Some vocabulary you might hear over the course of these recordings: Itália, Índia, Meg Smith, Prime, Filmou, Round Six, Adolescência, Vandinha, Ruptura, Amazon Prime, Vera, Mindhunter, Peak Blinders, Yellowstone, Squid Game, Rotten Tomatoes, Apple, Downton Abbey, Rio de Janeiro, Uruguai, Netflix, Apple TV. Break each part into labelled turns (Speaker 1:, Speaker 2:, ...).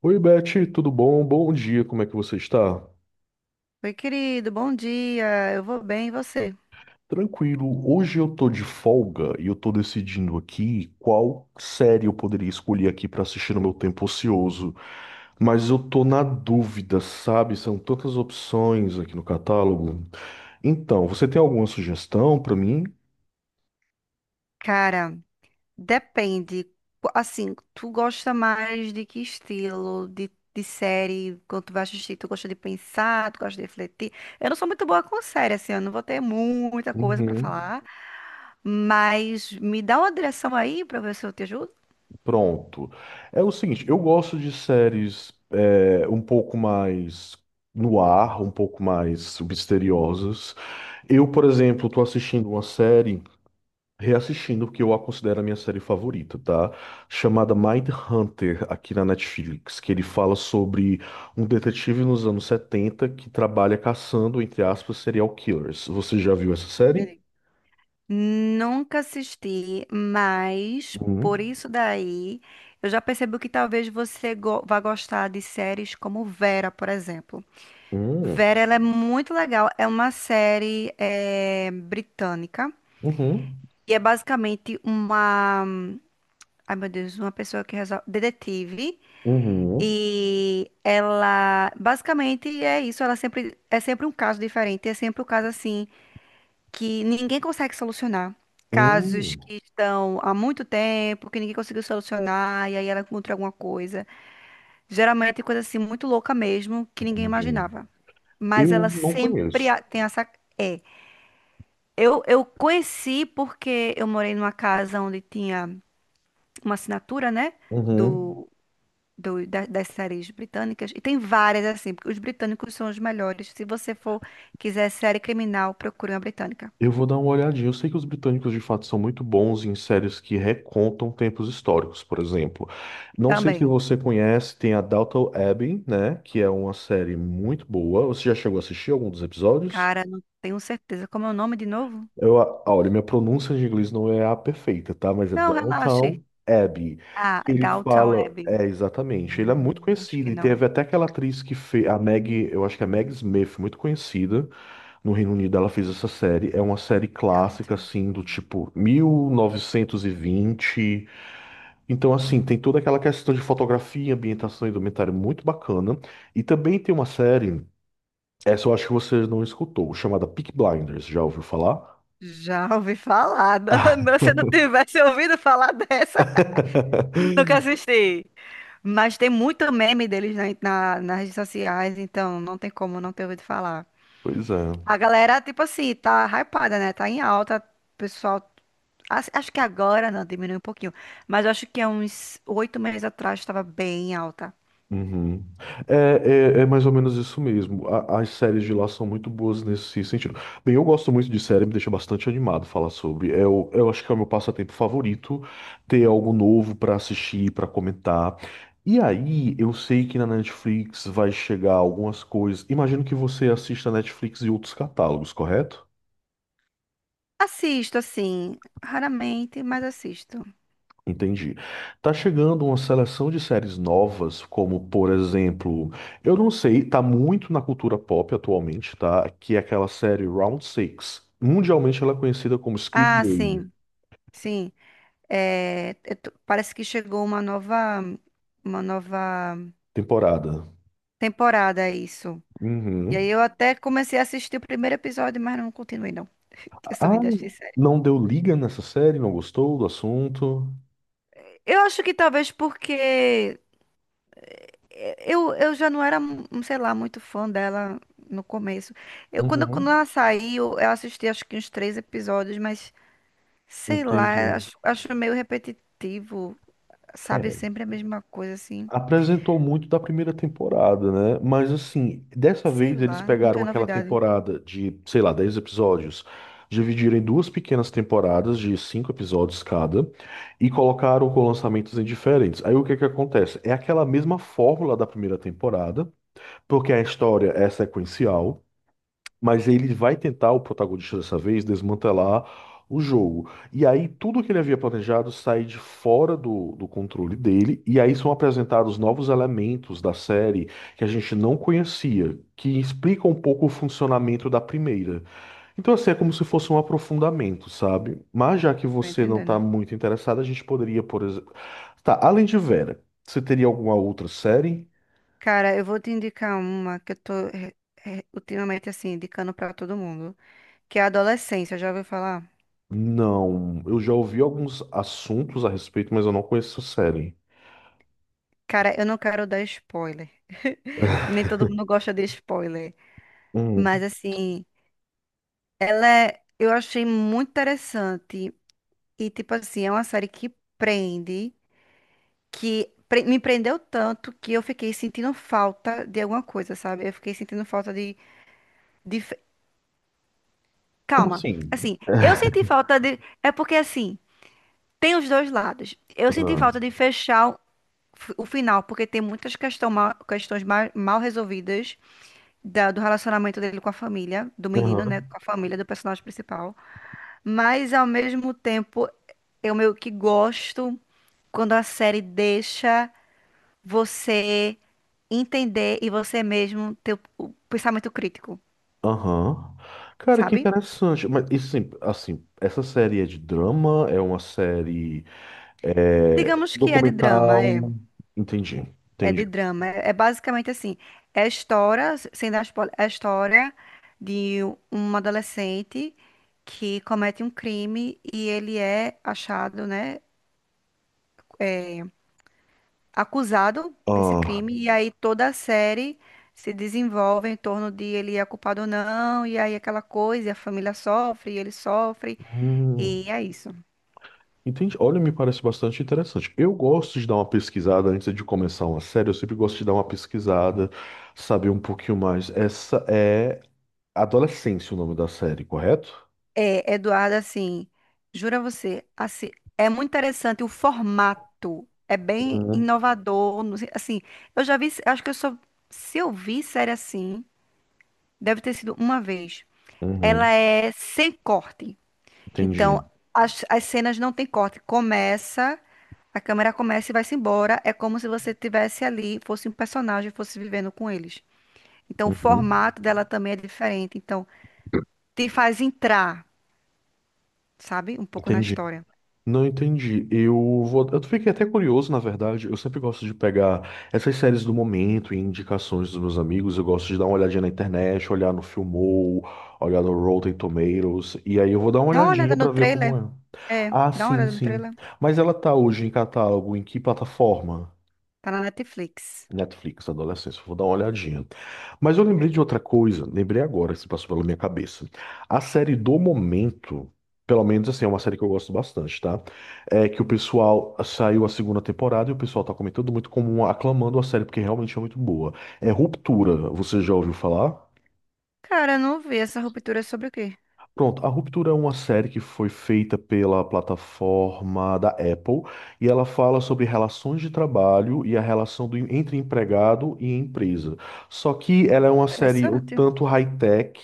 Speaker 1: Oi, Beth, tudo bom? Bom dia, como é que você está?
Speaker 2: Oi, querido, bom dia. Eu vou bem, e você?
Speaker 1: Tranquilo, hoje eu tô de folga e eu tô decidindo aqui qual série eu poderia escolher aqui para assistir no meu tempo ocioso. Mas eu tô na dúvida, sabe? São tantas opções aqui no catálogo. Então, você tem alguma sugestão para mim?
Speaker 2: Cara, depende. Assim, tu gosta mais de que estilo de série? Quando tu vai assistir, tu gosta de pensar, tu gosta de refletir? Eu não sou muito boa com série, assim, eu não vou ter muita coisa pra
Speaker 1: Uhum.
Speaker 2: falar, mas me dá uma direção aí pra ver se eu te ajudo.
Speaker 1: Pronto. É o seguinte, eu gosto de séries um pouco mais no ar, um pouco mais misteriosas. Eu, por exemplo, tô assistindo uma série, reassistindo, que eu a considero a minha série favorita, tá? Chamada Mindhunter, aqui na Netflix, que ele fala sobre um detetive nos anos 70 que trabalha caçando, entre aspas, serial killers. Você já viu essa série?
Speaker 2: Entendi. Nunca assisti, mas por
Speaker 1: Hum,
Speaker 2: isso daí eu já percebi que talvez vá gostar de séries como Vera, por exemplo.
Speaker 1: hum,
Speaker 2: Vera, ela é muito legal. É uma série britânica
Speaker 1: uhum,
Speaker 2: e é basicamente uma, ai meu Deus, uma pessoa que resolve, detetive,
Speaker 1: uhum,
Speaker 2: e ela basicamente é isso. Ela sempre é sempre um caso diferente. É sempre um caso assim que ninguém consegue solucionar. Casos
Speaker 1: hum,
Speaker 2: que estão há muito tempo, que ninguém conseguiu solucionar, e aí ela encontra alguma coisa. Geralmente coisa assim muito louca mesmo, que ninguém
Speaker 1: entendi.
Speaker 2: imaginava. Mas
Speaker 1: Eu
Speaker 2: ela
Speaker 1: não
Speaker 2: sempre
Speaker 1: conheço.
Speaker 2: tem essa. É, eu conheci porque eu morei numa casa onde tinha uma assinatura, né?
Speaker 1: Uhum.
Speaker 2: Do, das séries britânicas. E tem várias, assim, porque os britânicos são os melhores. Se você for, quiser série criminal, procure uma britânica.
Speaker 1: Eu vou dar uma olhadinha. Eu sei que os britânicos de fato são muito bons em séries que recontam tempos históricos, por exemplo. Não sei se
Speaker 2: Também.
Speaker 1: você conhece, tem a Downton Abbey, né? Que é uma série muito boa. Você já chegou a assistir algum dos episódios?
Speaker 2: Cara, não tenho certeza. Como é o nome de novo?
Speaker 1: Ah, olha, minha pronúncia de inglês não é a perfeita, tá? Mas é
Speaker 2: Não, relaxe.
Speaker 1: Downton Abbey.
Speaker 2: Ah,
Speaker 1: Ele
Speaker 2: Downton
Speaker 1: fala,
Speaker 2: Abbey.
Speaker 1: é exatamente. Ele é muito
Speaker 2: Acho
Speaker 1: conhecido
Speaker 2: que
Speaker 1: e
Speaker 2: não.
Speaker 1: teve até aquela atriz que fez, a Meg, eu acho que é a Meg Smith, muito conhecida. No Reino Unido ela fez essa série. É uma série clássica,
Speaker 2: Downton
Speaker 1: assim, do
Speaker 2: Abbey.
Speaker 1: tipo 1920. Então, assim, tem toda aquela questão de fotografia, ambientação e documentário muito bacana. E também tem uma série, essa eu acho que você não escutou, chamada Peak Blinders. Já ouviu falar?
Speaker 2: Já ouvi falar. Não, se eu não tivesse ouvido falar dessa, nunca assisti. Mas tem muito meme deles na, nas redes sociais, então não tem como não ter ouvido falar.
Speaker 1: Pois é.
Speaker 2: A galera, tipo assim, tá hypada, né? Tá em alta, o pessoal. Acho que agora não, diminuiu um pouquinho. Mas eu acho que há uns 8 meses atrás estava bem em alta.
Speaker 1: Uhum. É, é mais ou menos isso mesmo. A- as séries de lá são muito boas nesse sentido. Bem, eu gosto muito de série, me deixa bastante animado falar sobre. Eu acho que é o meu passatempo favorito, ter algo novo pra assistir, pra comentar. E aí, eu sei que na Netflix vai chegar algumas coisas. Imagino que você assista Netflix e outros catálogos, correto?
Speaker 2: Assisto, assim, raramente, mas assisto.
Speaker 1: Entendi. Tá chegando uma seleção de séries novas, como por exemplo, eu não sei, tá muito na cultura pop atualmente, tá? Que é aquela série Round Six. Mundialmente ela é conhecida como Squid
Speaker 2: Ah,
Speaker 1: Game,
Speaker 2: sim, sim. É, parece que chegou uma nova
Speaker 1: temporada.
Speaker 2: temporada, é isso. E aí
Speaker 1: Uhum.
Speaker 2: eu até comecei a assistir o primeiro episódio, mas não continuei, não. Eu sou ruim
Speaker 1: Ah,
Speaker 2: das séries.
Speaker 1: não deu liga nessa série, não gostou do assunto?
Speaker 2: Eu acho que talvez porque eu já não era, sei lá, muito fã dela no começo. Eu, quando
Speaker 1: Uhum.
Speaker 2: ela saiu, eu assisti acho que uns 3 episódios, mas sei lá,
Speaker 1: Entendi.
Speaker 2: acho meio repetitivo, sabe?
Speaker 1: É.
Speaker 2: Sempre a mesma coisa, assim.
Speaker 1: Apresentou muito da primeira temporada, né? Mas assim, dessa
Speaker 2: Sei
Speaker 1: vez eles
Speaker 2: lá, não
Speaker 1: pegaram
Speaker 2: tem
Speaker 1: aquela
Speaker 2: novidade.
Speaker 1: temporada de, sei lá, 10 episódios, dividiram em duas pequenas temporadas de 5 episódios cada e colocaram com lançamentos em diferentes. Aí o que é que acontece? É aquela mesma fórmula da primeira temporada, porque a história é sequencial, mas ele vai tentar, o protagonista dessa vez, desmantelar o jogo. E aí tudo que ele havia planejado sai de fora do controle dele, e aí são apresentados novos elementos da série que a gente não conhecia, que explicam um pouco o funcionamento da primeira. Então, assim, é como se fosse um aprofundamento, sabe? Mas já que
Speaker 2: Tô
Speaker 1: você não está
Speaker 2: entendendo.
Speaker 1: muito interessado, a gente poderia, por exemplo. Tá, além de Vera, você teria alguma outra série?
Speaker 2: Cara, eu vou te indicar uma que eu ultimamente, assim, indicando pra todo mundo, que é a Adolescência, já ouviu falar?
Speaker 1: Não, eu já ouvi alguns assuntos a respeito, mas eu não conheço a série.
Speaker 2: Cara, eu não quero dar spoiler. Nem todo mundo gosta de spoiler.
Speaker 1: Hum,
Speaker 2: Mas assim, ela é, eu achei muito interessante e tipo assim, é uma série que prende, que me prendeu tanto que eu fiquei sentindo falta de alguma coisa, sabe? Eu fiquei sentindo falta de fe-
Speaker 1: como
Speaker 2: calma.
Speaker 1: assim?
Speaker 2: Assim, eu senti falta de é porque assim, tem os dois lados. Eu senti
Speaker 1: Ah,
Speaker 2: falta de fechar o final, porque tem muitas questões mal resolvidas do relacionamento dele com a família, do menino, né,
Speaker 1: aham,
Speaker 2: com a família do personagem principal. Mas ao mesmo tempo, eu meio que gosto quando a série deixa você entender e você mesmo ter o pensamento crítico,
Speaker 1: aham. Cara, que
Speaker 2: sabe?
Speaker 1: interessante. Mas isso, assim, assim, essa série é de drama? É uma série
Speaker 2: Digamos que é de drama, é.
Speaker 1: documental? Entendi,
Speaker 2: É de
Speaker 1: entendi.
Speaker 2: drama. É, é basicamente assim. É a história, sem dar spoiler, é a história de um adolescente que comete um crime e ele é achado, né? Acusado desse
Speaker 1: Ah,
Speaker 2: crime, e aí toda a série se desenvolve em torno de ele é culpado ou não, e aí aquela coisa, e a família sofre, e ele sofre, e
Speaker 1: hum,
Speaker 2: é isso.
Speaker 1: entendi. Olha, me parece bastante interessante. Eu gosto de dar uma pesquisada antes de começar uma série. Eu sempre gosto de dar uma pesquisada, saber um pouquinho mais. Essa é Adolescência, o nome da série, correto?
Speaker 2: É, Eduardo, assim, jura você, assim, é muito interessante o formato, é bem
Speaker 1: Uhum.
Speaker 2: inovador, não assim, eu já vi, acho que eu só, se eu vi série assim, deve ter sido uma vez. Ela
Speaker 1: Uhum,
Speaker 2: é sem corte.
Speaker 1: entendi.
Speaker 2: Então, as cenas não tem corte. Começa, a câmera começa e vai-se embora. É como se você tivesse ali, fosse um personagem, fosse vivendo com eles. Então, o
Speaker 1: Uhum.
Speaker 2: formato dela também é diferente. Então, te faz entrar, sabe? Um pouco na
Speaker 1: Entendi.
Speaker 2: história.
Speaker 1: Não entendi. Eu vou. Eu fiquei até curioso, na verdade. Eu sempre gosto de pegar essas séries do momento e indicações dos meus amigos. Eu gosto de dar uma olhadinha na internet, olhar no Filmou, olhar no Rotten Tomatoes. E aí eu vou dar uma
Speaker 2: Dá uma
Speaker 1: olhadinha
Speaker 2: olhada no
Speaker 1: pra ver
Speaker 2: trailer.
Speaker 1: como é.
Speaker 2: É,
Speaker 1: Ah,
Speaker 2: dá uma
Speaker 1: sim,
Speaker 2: olhada no
Speaker 1: sim.
Speaker 2: trailer.
Speaker 1: Mas ela tá hoje em catálogo em que plataforma?
Speaker 2: Tá na Netflix.
Speaker 1: Netflix, adolescência, vou dar uma olhadinha. Mas eu lembrei
Speaker 2: É.
Speaker 1: de outra coisa, lembrei agora, se passou pela minha cabeça. A série do momento, pelo menos assim, é uma série que eu gosto bastante, tá? É que o pessoal saiu a segunda temporada e o pessoal tá comentando muito como aclamando a série, porque realmente é muito boa. É Ruptura, você já ouviu falar?
Speaker 2: Cara, eu não vi, essa ruptura é sobre o quê?
Speaker 1: Pronto, A Ruptura é uma série que foi feita pela plataforma da Apple e ela fala sobre relações de trabalho e a relação do- entre empregado e empresa. Só que ela é uma série um
Speaker 2: Interessante.
Speaker 1: tanto high-tech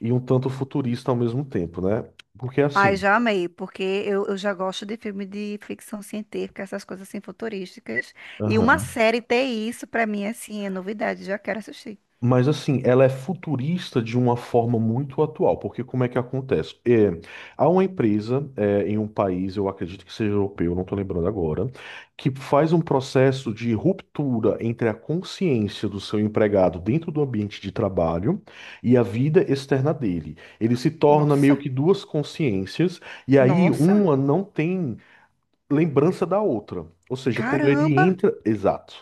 Speaker 1: e um tanto futurista ao mesmo tempo, né? Porque
Speaker 2: Ai,
Speaker 1: assim.
Speaker 2: já amei, porque eu já gosto de filme de ficção científica, essas coisas assim futurísticas. E uma série ter isso, pra mim, assim, é novidade, já quero assistir.
Speaker 1: Mas assim, ela é futurista de uma forma muito atual, porque como é que acontece? É, há uma empresa em um país, eu acredito que seja europeu, não estou lembrando agora, que faz um processo de ruptura entre a consciência do seu empregado dentro do ambiente de trabalho e a vida externa dele. Ele se torna meio
Speaker 2: Nossa,
Speaker 1: que duas consciências, e aí
Speaker 2: nossa,
Speaker 1: uma não tem lembrança da outra. Ou seja, quando ele
Speaker 2: caramba!
Speaker 1: entra. Exato.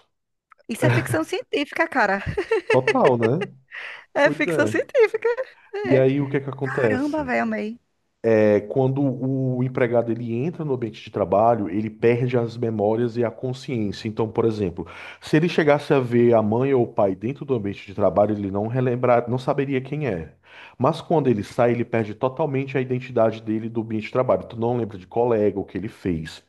Speaker 2: Isso é ficção científica, cara.
Speaker 1: Total, né?
Speaker 2: É
Speaker 1: Pois
Speaker 2: ficção
Speaker 1: é.
Speaker 2: científica.
Speaker 1: E
Speaker 2: É.
Speaker 1: aí o que é que
Speaker 2: Caramba,
Speaker 1: acontece?
Speaker 2: velho, amei.
Speaker 1: É quando o empregado ele entra no ambiente de trabalho, ele perde as memórias e a consciência. Então, por exemplo, se ele chegasse a ver a mãe ou o pai dentro do ambiente de trabalho, ele não relembrar, não saberia quem é. Mas quando ele sai, ele perde totalmente a identidade dele do ambiente de trabalho. Tu não lembra de colega, o que ele fez.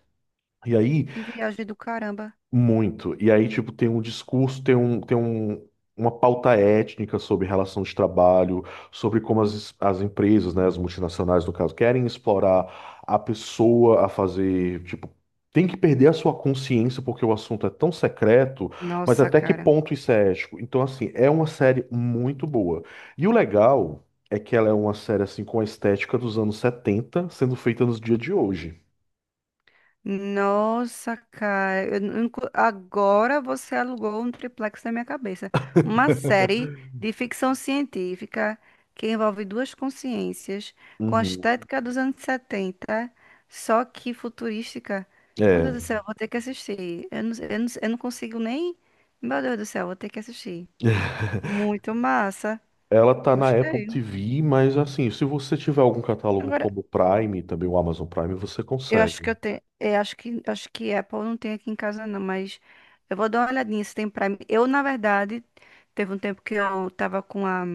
Speaker 1: E aí
Speaker 2: Que viagem do caramba.
Speaker 1: muito. E aí, tipo, tem um discurso, uma pauta étnica sobre relação de trabalho, sobre como as empresas, né, as multinacionais, no caso, querem explorar a pessoa a fazer, tipo, tem que perder a sua consciência porque o assunto é tão secreto, mas
Speaker 2: Nossa,
Speaker 1: até que
Speaker 2: cara.
Speaker 1: ponto isso é ético? Então, assim, é uma série muito boa. E o legal é que ela é uma série, assim, com a estética dos anos 70 sendo feita nos dias de hoje.
Speaker 2: Nossa, cara, eu não- nunca- agora você alugou um triplex na minha cabeça. Uma série de ficção científica que envolve duas consciências, com a
Speaker 1: Uhum.
Speaker 2: estética dos anos 70, só que futurística. Meu Deus do
Speaker 1: É.
Speaker 2: céu, eu vou ter que assistir. Eu não consigo nem. Meu Deus do céu, eu vou ter que assistir. Muito massa.
Speaker 1: Ela tá na Apple
Speaker 2: Gostei.
Speaker 1: TV, mas assim, se você tiver algum catálogo
Speaker 2: Agora,
Speaker 1: como o Prime, também o Amazon Prime, você
Speaker 2: eu acho
Speaker 1: consegue.
Speaker 2: que eu tenho. É, acho que Apple não tem aqui em casa, não, mas eu vou dar uma olhadinha se tem Prime. Eu, na verdade, teve um tempo que eu tava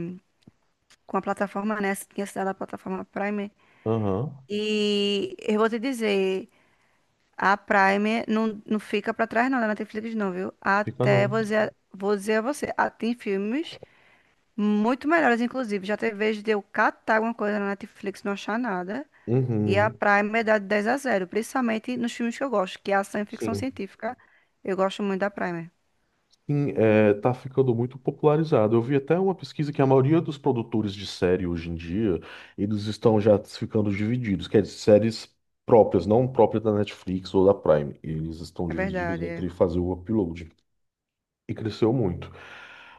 Speaker 2: com a plataforma, né? Tinha assinado a plataforma Prime.
Speaker 1: Aham,
Speaker 2: E eu vou te dizer, a Prime não fica pra trás, não, da Netflix, não, viu?
Speaker 1: fica
Speaker 2: Até
Speaker 1: não.
Speaker 2: vou dizer a você, ah, tem filmes muito melhores, inclusive. Já teve vez de eu catar alguma coisa na Netflix e não achar nada. E a
Speaker 1: Uhum.
Speaker 2: Prime é dá de 10-0, principalmente nos filmes que eu gosto, que é ação e ficção
Speaker 1: Sim.
Speaker 2: científica. Eu gosto muito da Prime.
Speaker 1: Sim, é, tá ficando muito popularizado. Eu vi até uma pesquisa que a maioria dos produtores de série hoje em dia, eles estão já ficando divididos, quer dizer, séries próprias, não próprias da Netflix ou da Prime. Eles estão
Speaker 2: É
Speaker 1: divididos
Speaker 2: verdade. É.
Speaker 1: entre fazer o upload. E cresceu muito.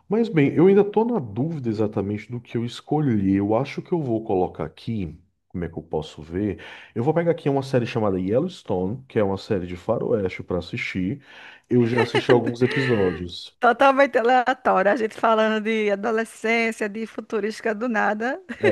Speaker 1: Mas bem, eu ainda estou na dúvida exatamente do que eu escolhi. Eu acho que eu vou colocar aqui, como é que eu posso ver? Eu vou pegar aqui uma série chamada Yellowstone, que é uma série de faroeste para assistir. Eu já assisti alguns episódios.
Speaker 2: Totalmente aleatório. A gente falando de adolescência, de futurística do nada.
Speaker 1: É.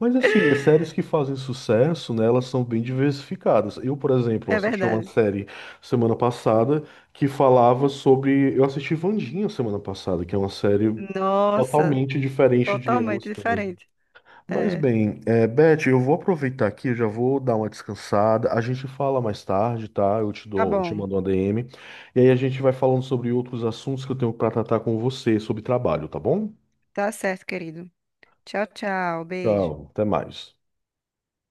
Speaker 1: Mas assim, as séries que fazem sucesso, né, elas são bem diversificadas. Eu, por exemplo,
Speaker 2: É
Speaker 1: assisti uma
Speaker 2: verdade.
Speaker 1: série semana passada que falava sobre. Eu assisti Vandinha semana passada, que é uma série
Speaker 2: Nossa,
Speaker 1: totalmente diferente de
Speaker 2: totalmente
Speaker 1: Yellowstone.
Speaker 2: diferente.
Speaker 1: Mas
Speaker 2: É.
Speaker 1: bem, é, Beth, eu vou aproveitar aqui, eu já vou dar uma descansada. A gente fala mais tarde, tá? Eu te
Speaker 2: Tá
Speaker 1: dou, eu te
Speaker 2: bom.
Speaker 1: mando uma DM. E aí a gente vai falando sobre outros assuntos que eu tenho para tratar com você sobre trabalho, tá bom?
Speaker 2: Tá certo, querido. Tchau, tchau. Beijo.
Speaker 1: Tchau, até mais.